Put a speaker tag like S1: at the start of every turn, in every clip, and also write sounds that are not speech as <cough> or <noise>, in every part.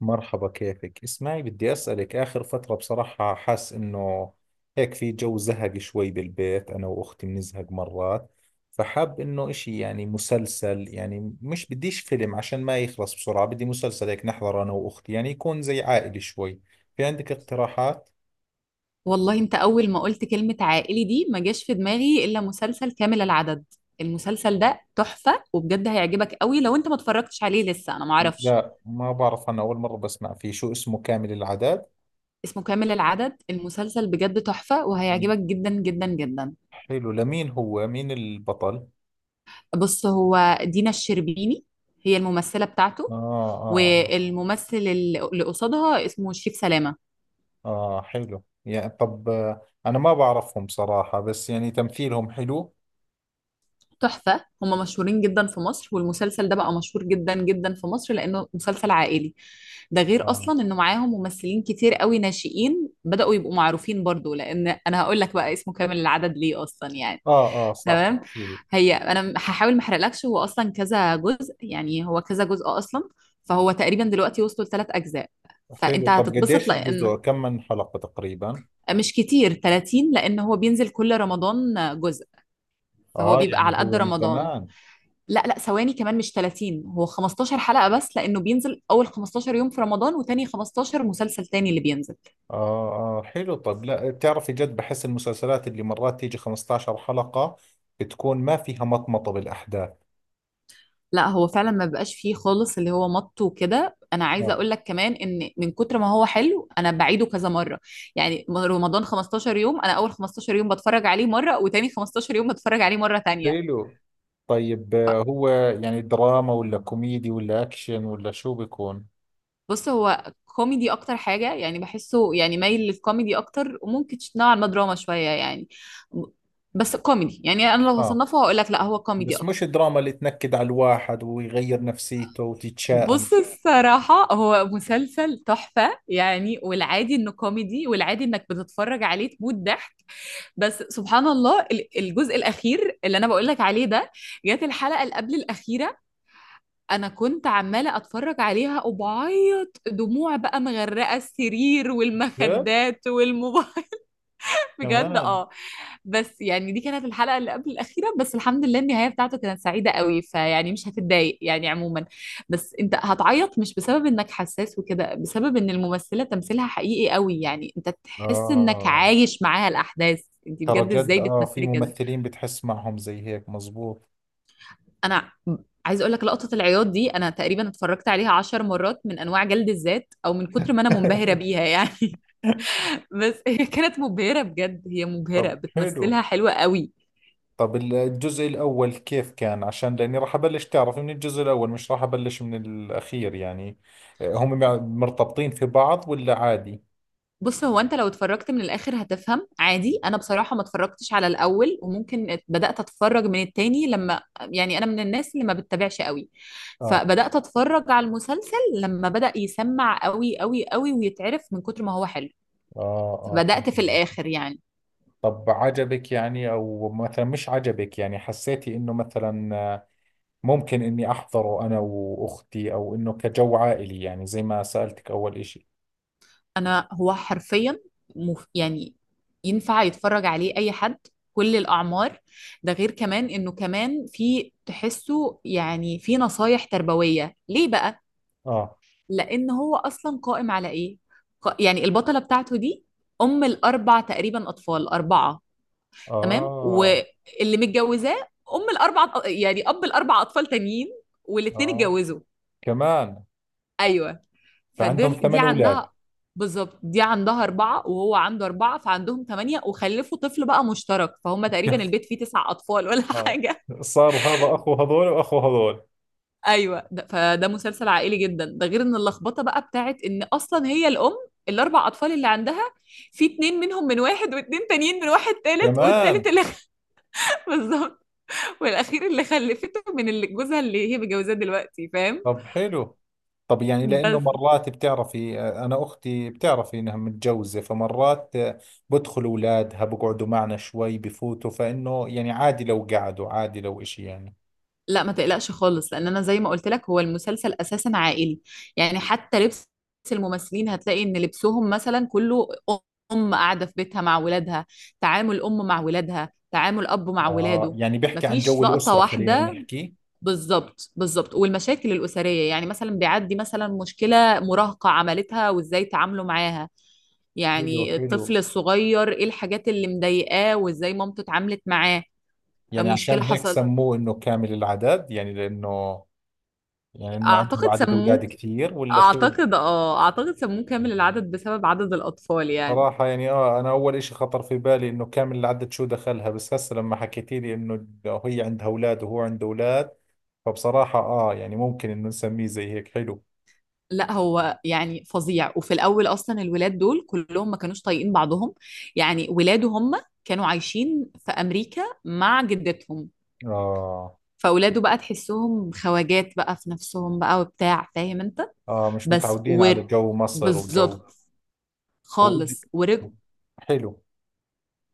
S1: مرحبا، كيفك؟ اسمعي، بدي أسألك. آخر فترة بصراحة حاس إنه هيك في جو زهق شوي بالبيت، أنا وأختي بنزهق مرات. فحاب إنه إشي، يعني مسلسل، يعني مش بديش فيلم عشان ما يخلص بسرعة. بدي مسلسل هيك نحضر أنا وأختي، يعني يكون زي عائلي شوي. في عندك اقتراحات؟
S2: والله انت اول ما قلت كلمة عائلي دي ما جاش في دماغي الا مسلسل كامل العدد. المسلسل ده تحفة وبجد هيعجبك قوي لو انت ما اتفرجتش عليه لسه، انا ما اعرفش.
S1: لا ما بعرف، أنا أول مرة بسمع فيه. شو اسمه؟ كامل العدد؟
S2: اسمه كامل العدد، المسلسل بجد تحفة وهيعجبك جدا جدا جدا.
S1: حلو، لمين هو؟ مين البطل؟
S2: بص، هو دينا الشربيني هي الممثلة
S1: آه.
S2: بتاعته،
S1: آه.
S2: والممثل اللي قصادها اسمه شريف سلامة.
S1: آه حلو يعني. طب آه، أنا ما بعرفهم صراحة، بس يعني تمثيلهم حلو.
S2: تحفة، هم مشهورين جدا في مصر، والمسلسل ده بقى مشهور جدا جدا في مصر لأنه مسلسل عائلي. ده غير
S1: آه.
S2: أصلا إنه معاهم ممثلين كتير قوي ناشئين بدأوا يبقوا معروفين برضو. لأن أنا هقول لك بقى اسمه كامل العدد ليه أصلا يعني.
S1: آه آه صح.
S2: تمام.
S1: أكيد.
S2: هي أنا هحاول ما أحرقلكش. هو أصلا كذا جزء يعني، هو كذا جزء أصلا. فهو تقريبا دلوقتي وصلوا لثلاث أجزاء،
S1: حلو.
S2: فأنت
S1: طب
S2: هتتبسط.
S1: قديش الجزء؟
S2: لأن
S1: كم من حلقة تقريبا؟
S2: مش كتير 30، لأن هو بينزل كل رمضان جزء، فهو
S1: آه
S2: بيبقى
S1: يعني
S2: على قد
S1: هو من
S2: رمضان.
S1: زمان.
S2: لا لا، ثواني، كمان مش 30، هو 15 حلقة بس، لأنه بينزل أول 15 يوم في رمضان، وتاني 15 مسلسل تاني اللي بينزل.
S1: آه آه حلو. طب لا، بتعرفي جد بحس المسلسلات اللي مرات تيجي 15 حلقة بتكون ما فيها مطمطة بالأحداث.
S2: لا هو فعلا ما بقاش فيه خالص اللي هو مط وكده. أنا عايزة
S1: آه.
S2: أقول لك كمان إن من كتر ما هو حلو أنا بعيده كذا مرة، يعني رمضان 15 يوم، أنا أول 15 يوم بتفرج عليه مرة، وتاني 15 يوم بتفرج عليه مرة تانية.
S1: حلو. طيب آه، هو يعني دراما ولا كوميدي ولا أكشن ولا شو بيكون؟
S2: بص هو كوميدي أكتر حاجة، يعني بحسه يعني مايل للكوميدي أكتر، وممكن نوعا ما دراما شوية يعني، بس كوميدي. يعني أنا لو
S1: آه.
S2: هصنفه هقول لك لا، هو كوميدي
S1: بس
S2: أكتر.
S1: مش دراما اللي تنكد على الواحد ويغير نفسيته وتتشائم.
S2: بص الصراحة هو مسلسل تحفة يعني، والعادي انه كوميدي، والعادي انك بتتفرج عليه تموت ضحك. بس سبحان الله الجزء الأخير اللي أنا بقولك عليه ده، جت الحلقة اللي قبل الأخيرة أنا كنت عمالة أتفرج عليها وبعيط دموع بقى مغرقة السرير
S1: جد؟
S2: والمخدات والموبايل. بجد
S1: كمان.
S2: اه. بس يعني دي كانت الحلقة اللي قبل الأخيرة بس، الحمد لله النهاية بتاعته كانت سعيدة قوي، فيعني مش هتتضايق يعني عموما. بس انت هتعيط مش بسبب انك حساس وكده، بسبب ان الممثلة تمثيلها حقيقي قوي، يعني انت تحس انك
S1: آه
S2: عايش معاها الأحداث. انت
S1: ترى
S2: بجد
S1: جد،
S2: ازاي
S1: آه في
S2: بتمثلي كده.
S1: ممثلين بتحس معهم زي هيك، مزبوط.
S2: انا عايز اقول لك لقطة العياط دي انا تقريبا اتفرجت عليها عشر مرات، من انواع جلد الذات او من كتر ما انا منبهرة
S1: <laughs>
S2: بيها يعني. <laughs> بس هي كانت مبهرة بجد، هي مبهرة،
S1: طب حلو.
S2: بتمثلها حلوة قوي.
S1: طب الجزء الأول كيف كان؟ عشان لأني راح أبلش، تعرف، من الجزء الأول، مش راح أبلش من الأخير يعني. آه، هم مرتبطين في بعض ولا عادي؟
S2: بص هو انت لو اتفرجت من الاخر هتفهم عادي. انا بصراحه ما اتفرجتش على الاول، وممكن بدات اتفرج من التاني لما، يعني انا من الناس اللي ما بتتابعش قوي،
S1: آه.
S2: فبدات اتفرج على المسلسل لما بدا يسمع قوي قوي قوي ويتعرف من كتر ما هو حلو،
S1: آه. آه
S2: فبدات في
S1: فهمت عليك.
S2: الاخر يعني.
S1: طب عجبك يعني أو مثلا مش عجبك؟ يعني حسيتي إنه مثلا ممكن إني أحضره أنا وأختي، أو إنه كجو عائلي، يعني زي ما سألتك أول إشي.
S2: انا هو حرفيا يعني ينفع يتفرج عليه اي حد، كل الاعمار. ده غير كمان انه كمان في تحسه يعني في نصايح تربويه ليه بقى.
S1: آه.
S2: لان هو اصلا قائم على ايه، يعني البطله بتاعته دي ام الاربع تقريبا اطفال، اربعه، تمام،
S1: آه.
S2: واللي متجوزاه ام الاربع يعني اب الاربع اطفال تانيين، والاتنين
S1: آه.
S2: اتجوزوا.
S1: كمان.
S2: ايوه،
S1: فعندهم
S2: فدول دي
S1: 8 أولاد.
S2: عندها، بالظبط دي عندها أربعة وهو عنده أربعة، فعندهم ثمانية، وخلفوا طفل بقى مشترك، فهم تقريبا
S1: <laughs>
S2: البيت فيه تسع أطفال ولا <laughs>
S1: آه.
S2: حاجة.
S1: صار هذا أخو هذول وأخو هذول.
S2: ايوه ده، فده مسلسل عائلي جدا. ده غير ان اللخبطه بقى بتاعت ان اصلا هي الام الاربع اطفال اللي عندها، في اتنين منهم من واحد، واتنين تانيين من واحد تالت، والتالت
S1: كمان.
S2: اللي <laughs> بالظبط، والاخير اللي خلفته من اللي جوزها اللي هي متجوزاه دلوقتي، فاهم.
S1: طب حلو. طب يعني لأنه
S2: بس
S1: مرات بتعرفي آه، أنا أختي بتعرفي إنها متجوزة، فمرات آه، بدخل أولادها بقعدوا معنا شوي، بفوتوا، فإنه يعني عادي لو قعدوا، عادي لو إشي يعني.
S2: لا ما تقلقش خالص، لان انا زي ما قلت لك هو المسلسل اساسا عائلي، يعني حتى لبس الممثلين هتلاقي ان لبسهم مثلا كله ام قاعده في بيتها مع ولادها، تعامل ام مع ولادها، تعامل اب مع
S1: آه
S2: ولاده.
S1: يعني بيحكي عن
S2: مفيش
S1: جو
S2: لقطه
S1: الأسرة، خلينا
S2: واحده.
S1: نحكي.
S2: بالظبط بالظبط، والمشاكل الاسريه، يعني مثلا بيعدي مثلا مشكله مراهقه عملتها وازاي تعاملوا معاها،
S1: حلو
S2: يعني
S1: حلو.
S2: الطفل الصغير ايه الحاجات اللي مضايقاه وازاي مامته اتعاملت معاه.
S1: يعني عشان
S2: مشكله
S1: هيك
S2: حصل.
S1: سموه انه كامل العدد، يعني لانه يعني انه عندي
S2: اعتقد
S1: عدد اولاد
S2: سموه،
S1: كثير، ولا شو؟
S2: اعتقد اه، اعتقد سموه كامل العدد بسبب عدد الاطفال يعني.
S1: صراحة يعني اه، انا اول اشي خطر في بالي انه كامل العدد شو دخلها، بس هسه لما حكيتي لي انه هي عندها اولاد وهو عنده اولاد، فبصراحة اه، يعني ممكن انه نسميه زي هيك. حلو.
S2: لا هو يعني فظيع، وفي الاول اصلا الولاد دول كلهم ما كانوش طايقين بعضهم، يعني ولاده هم كانوا عايشين في امريكا مع جدتهم،
S1: اه
S2: فاولاده بقى تحسهم خواجات بقى في نفسهم بقى وبتاع، فاهم انت.
S1: اه مش
S2: بس
S1: متعودين
S2: و
S1: على جو مصر وجو.
S2: بالظبط
S1: و-
S2: خالص ورجعوا.
S1: حلو.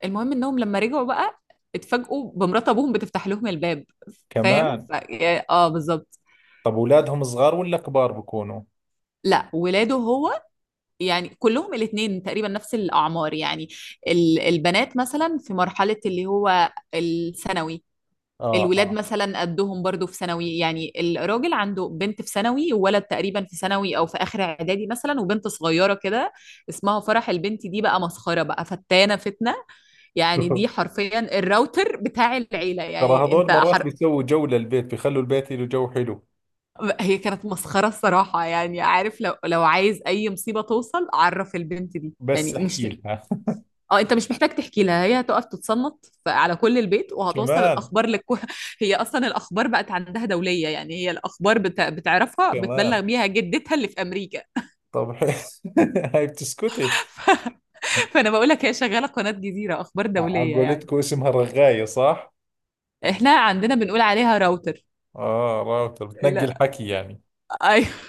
S2: المهم انهم لما رجعوا بقى اتفاجئوا بمرات ابوهم بتفتح لهم الباب، فاهم
S1: كمان.
S2: اه بالظبط.
S1: طب اولادهم صغار ولا كبار بكونوا؟
S2: لا ولاده هو يعني كلهم الاثنين تقريبا نفس الأعمار، يعني البنات مثلا في مرحلة اللي هو الثانوي،
S1: اه
S2: الولاد
S1: اه.
S2: مثلا قدهم برضو في ثانوي، يعني الراجل عنده بنت في ثانوي وولد تقريبا في ثانوي او في اخر اعدادي مثلا وبنت صغيره كده اسمها فرح. البنت دي بقى مسخره بقى، فتانه فتنه، يعني دي
S1: <laughs>
S2: حرفيا الراوتر بتاع العيله،
S1: ترى
S2: يعني
S1: هذول
S2: انت
S1: مرات بيسووا جو للبيت، بيخلوا البيت له جو حلو.
S2: هي كانت مسخره الصراحه. يعني عارف لو عايز اي مصيبه توصل، عرف البنت دي
S1: بس
S2: يعني، مش
S1: احكي لها. <laughs>
S2: اه، انت مش محتاج تحكي لها، هي هتقف تتصنت على كل البيت وهتوصل
S1: كمان.
S2: الاخبار لكل <laughs> هي اصلا الاخبار بقت عندها دوليه يعني، هي الاخبار بتعرفها، بتبلغ
S1: كمان.
S2: بيها جدتها اللي في امريكا.
S1: طب حلو. <laughs> هاي بتسكتي.
S2: <laughs> فانا بقول لك هي شغاله قناه جزيره اخبار
S1: على
S2: دوليه يعني.
S1: قولتكم اسمها رغاية صح؟
S2: احنا عندنا بنقول عليها راوتر.
S1: اه راوتر بتنقي
S2: لا،
S1: الحكي يعني.
S2: ايوه،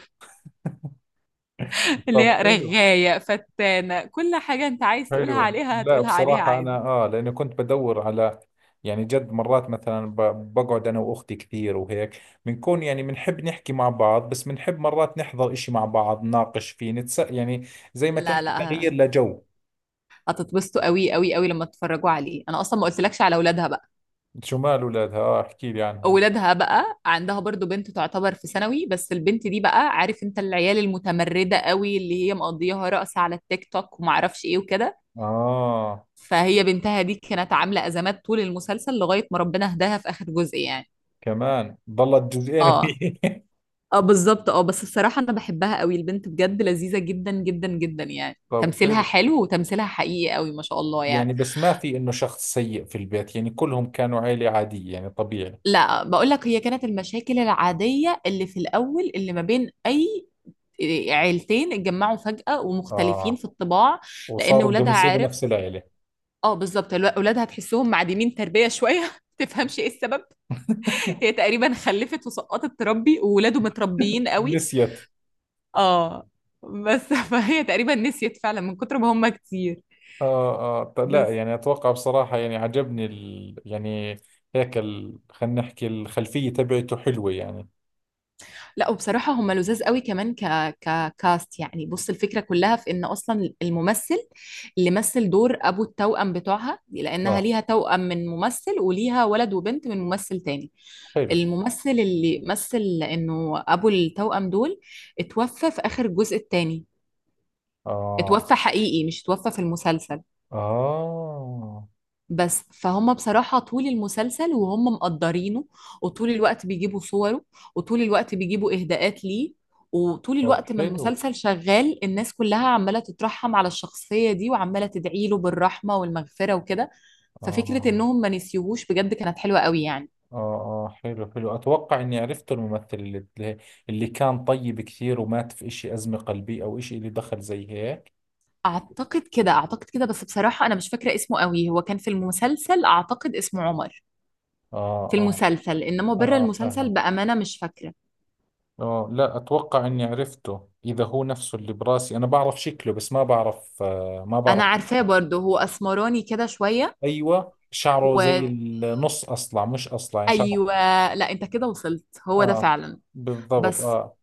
S2: <laughs> اللي
S1: طب
S2: هي
S1: حلو.
S2: رغايه فتانه، كل حاجه انت عايز تقولها
S1: حلو
S2: عليها
S1: لا
S2: هتقولها عليها
S1: بصراحة أنا
S2: عادي.
S1: آه، لأنه كنت بدور على يعني جد مرات، مثلا بقعد أنا وأختي كثير، وهيك بنكون يعني بنحب نحكي مع بعض، بس بنحب مرات نحضر إشي مع بعض نناقش فيه نتس يعني. زي ما
S2: لا
S1: تحكي
S2: لا،
S1: تغيير لجو.
S2: هتتبسطوا قوي قوي قوي لما تتفرجوا عليه. انا اصلا ما قلتلكش على اولادها.
S1: شو مال اولادها؟ اه احكي لي عنهم.
S2: ولادها بقى عندها برضو بنت تعتبر في ثانوي، بس البنت دي بقى عارف انت العيال المتمردة قوي، اللي هي مقضياها رقص على التيك توك ومعرفش ايه وكده.
S1: اه
S2: فهي بنتها دي كانت عاملة أزمات طول المسلسل لغاية ما ربنا هداها في آخر جزء يعني.
S1: كمان ضلت جزئين
S2: اه
S1: وهي.
S2: اه بالظبط اه، بس بصراحة أنا بحبها قوي البنت، بجد لذيذة جدا جدا جدا، يعني
S1: <laughs> طب
S2: تمثيلها
S1: حلو.
S2: حلو وتمثيلها حقيقي قوي ما شاء الله يعني.
S1: يعني بس ما في انه شخص سيء في البيت يعني، كلهم كانوا عيلة عادية يعني طبيعي.
S2: لا بقول لك هي كانت المشاكل العادية اللي في الأول اللي ما بين أي عيلتين اتجمعوا فجأة ومختلفين
S1: اه
S2: في الطباع. لأن
S1: وصاروا بدهم
S2: ولادها
S1: يصيروا
S2: عارف،
S1: نفس العيلة.
S2: اه بالظبط، ولادها تحسهم معدمين تربية شوية <laughs> تفهمش ايه السبب.
S1: <laughs>
S2: هي تقريبا خلفت وسقطت تربي، وولاده متربيين قوي.
S1: نسيت.
S2: اه، بس <laughs> فهي تقريبا نسيت فعلا من كتر ما هم كتير.
S1: اه اه لا
S2: بس
S1: يعني اتوقع بصراحة يعني عجبني يعني هيك خلينا نحكي الخلفية تبعته حلوة يعني.
S2: لا، وبصراحة هم لذاذ قوي كمان ككاست يعني. بص الفكرة كلها في ان اصلا الممثل اللي مثل دور ابو التوأم بتوعها، لانها
S1: اه.
S2: ليها توأم من ممثل وليها ولد وبنت من ممثل تاني،
S1: حلو.
S2: الممثل اللي مثل انه ابو التوأم دول اتوفى في اخر الجزء الثاني.
S1: اه
S2: اتوفى حقيقي مش اتوفى في المسلسل.
S1: اه.
S2: بس فهم بصراحة طول المسلسل وهم مقدرينه، وطول الوقت بيجيبوا صوره، وطول الوقت بيجيبوا إهداءات ليه، وطول
S1: طب
S2: الوقت ما
S1: حلو.
S2: المسلسل شغال الناس كلها عمالة تترحم على الشخصية دي وعمالة تدعي له بالرحمة والمغفرة وكده. ففكرة
S1: اه
S2: انهم ما نسيوهوش بجد كانت حلوة قوي يعني.
S1: اه اه حلو حلو، اتوقع اني عرفت الممثل اللي كان طيب كثير ومات في اشي ازمة قلبية او اشي، اللي دخل زي هيك.
S2: اعتقد كده، اعتقد كده، بس بصراحة انا مش فاكرة اسمه قوي. هو كان في المسلسل اعتقد اسمه عمر،
S1: اه.
S2: في
S1: اه.
S2: المسلسل، انما
S1: اه
S2: بره
S1: آه،
S2: المسلسل
S1: فاهم.
S2: بأمانة مش فاكرة.
S1: اه لا اتوقع اني عرفته اذا هو نفسه اللي براسي، انا بعرف شكله بس ما بعرف، آه ما
S2: انا
S1: بعرف.
S2: عارفاه برضه، هو اسمراني كده شوية،
S1: ايوه شعره زي
S2: وايوه
S1: النص اصلع مش اصلع يعني شعره.
S2: لا انت كده وصلت، هو ده
S1: اه
S2: فعلا.
S1: بالضبط
S2: بس
S1: اه.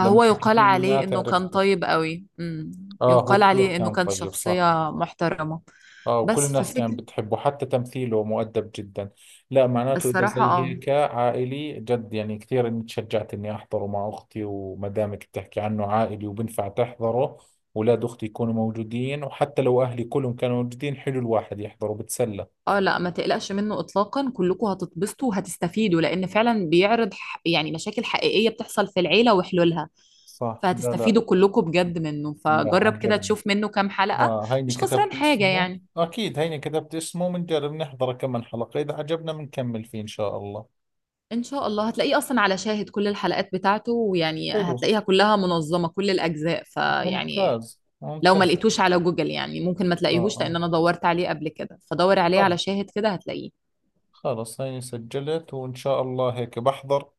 S1: لما حكيت
S2: يقال
S1: لي
S2: عليه
S1: مات
S2: انه كان
S1: عرفته.
S2: طيب قوي امم،
S1: اه هو
S2: يقال
S1: كثير
S2: عليه انه
S1: كان
S2: كان
S1: طيب صح.
S2: شخصية محترمة.
S1: اه وكل
S2: بس
S1: الناس كانت
S2: ففكرة
S1: بتحبه، حتى تمثيله مؤدب جدا. لا معناته اذا
S2: الصراحة
S1: زي
S2: اه،
S1: هيك عائلي جد، يعني كثير اني تشجعت اني احضره مع اختي، وما دامك بتحكي عنه عائلي وبنفع تحضره، اولاد اختي يكونوا موجودين، وحتى لو اهلي كلهم كانوا موجودين، حلو الواحد يحضره بتسلى.
S2: اه لا ما تقلقش منه اطلاقا، كلكم هتتبسطوا وهتستفيدوا، لان فعلا بيعرض يعني مشاكل حقيقية بتحصل في العيلة وحلولها،
S1: صح. لا
S2: فهتستفيدوا
S1: لا.
S2: كلكم بجد منه.
S1: لا
S2: فجرب كده
S1: عجبني.
S2: تشوف منه كام حلقة،
S1: اه هيني
S2: مش خسران
S1: كتبت
S2: حاجة
S1: اسمه.
S2: يعني.
S1: اكيد هيني كتبت اسمه، بنجرب نحضره كم من حلقة، اذا عجبنا بنكمل فيه ان شاء الله.
S2: ان شاء الله هتلاقيه اصلا على شاهد كل الحلقات بتاعته، ويعني
S1: حلو.
S2: هتلاقيها كلها منظمة كل الاجزاء فيعني،
S1: ممتاز
S2: لو ما
S1: ممتاز.
S2: لقيتوش على جوجل يعني ممكن ما
S1: اه
S2: تلاقيهوش،
S1: اه
S2: لان انا دورت عليه قبل كده، فدور عليه على
S1: طبعا.
S2: شاهد كده هتلاقيه.
S1: خلاص هيني سجلت، وإن شاء الله هيك بحضر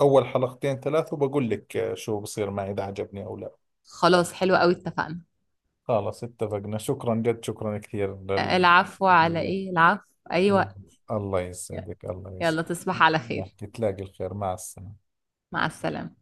S1: أول حلقتين ثلاث، وبقول لك آه، شو بصير معي إذا عجبني أو لا.
S2: خلاص حلو قوي، اتفقنا.
S1: خلاص اتفقنا، شكرا جد، شكرا كثير
S2: العفو، على
S1: الله.
S2: ايه العفو. ايوه،
S1: الله يسعدك، الله
S2: يلا
S1: يسعدك.
S2: تصبح على خير.
S1: نحكي تلاقي الخير، مع السلامة.
S2: مع السلامة.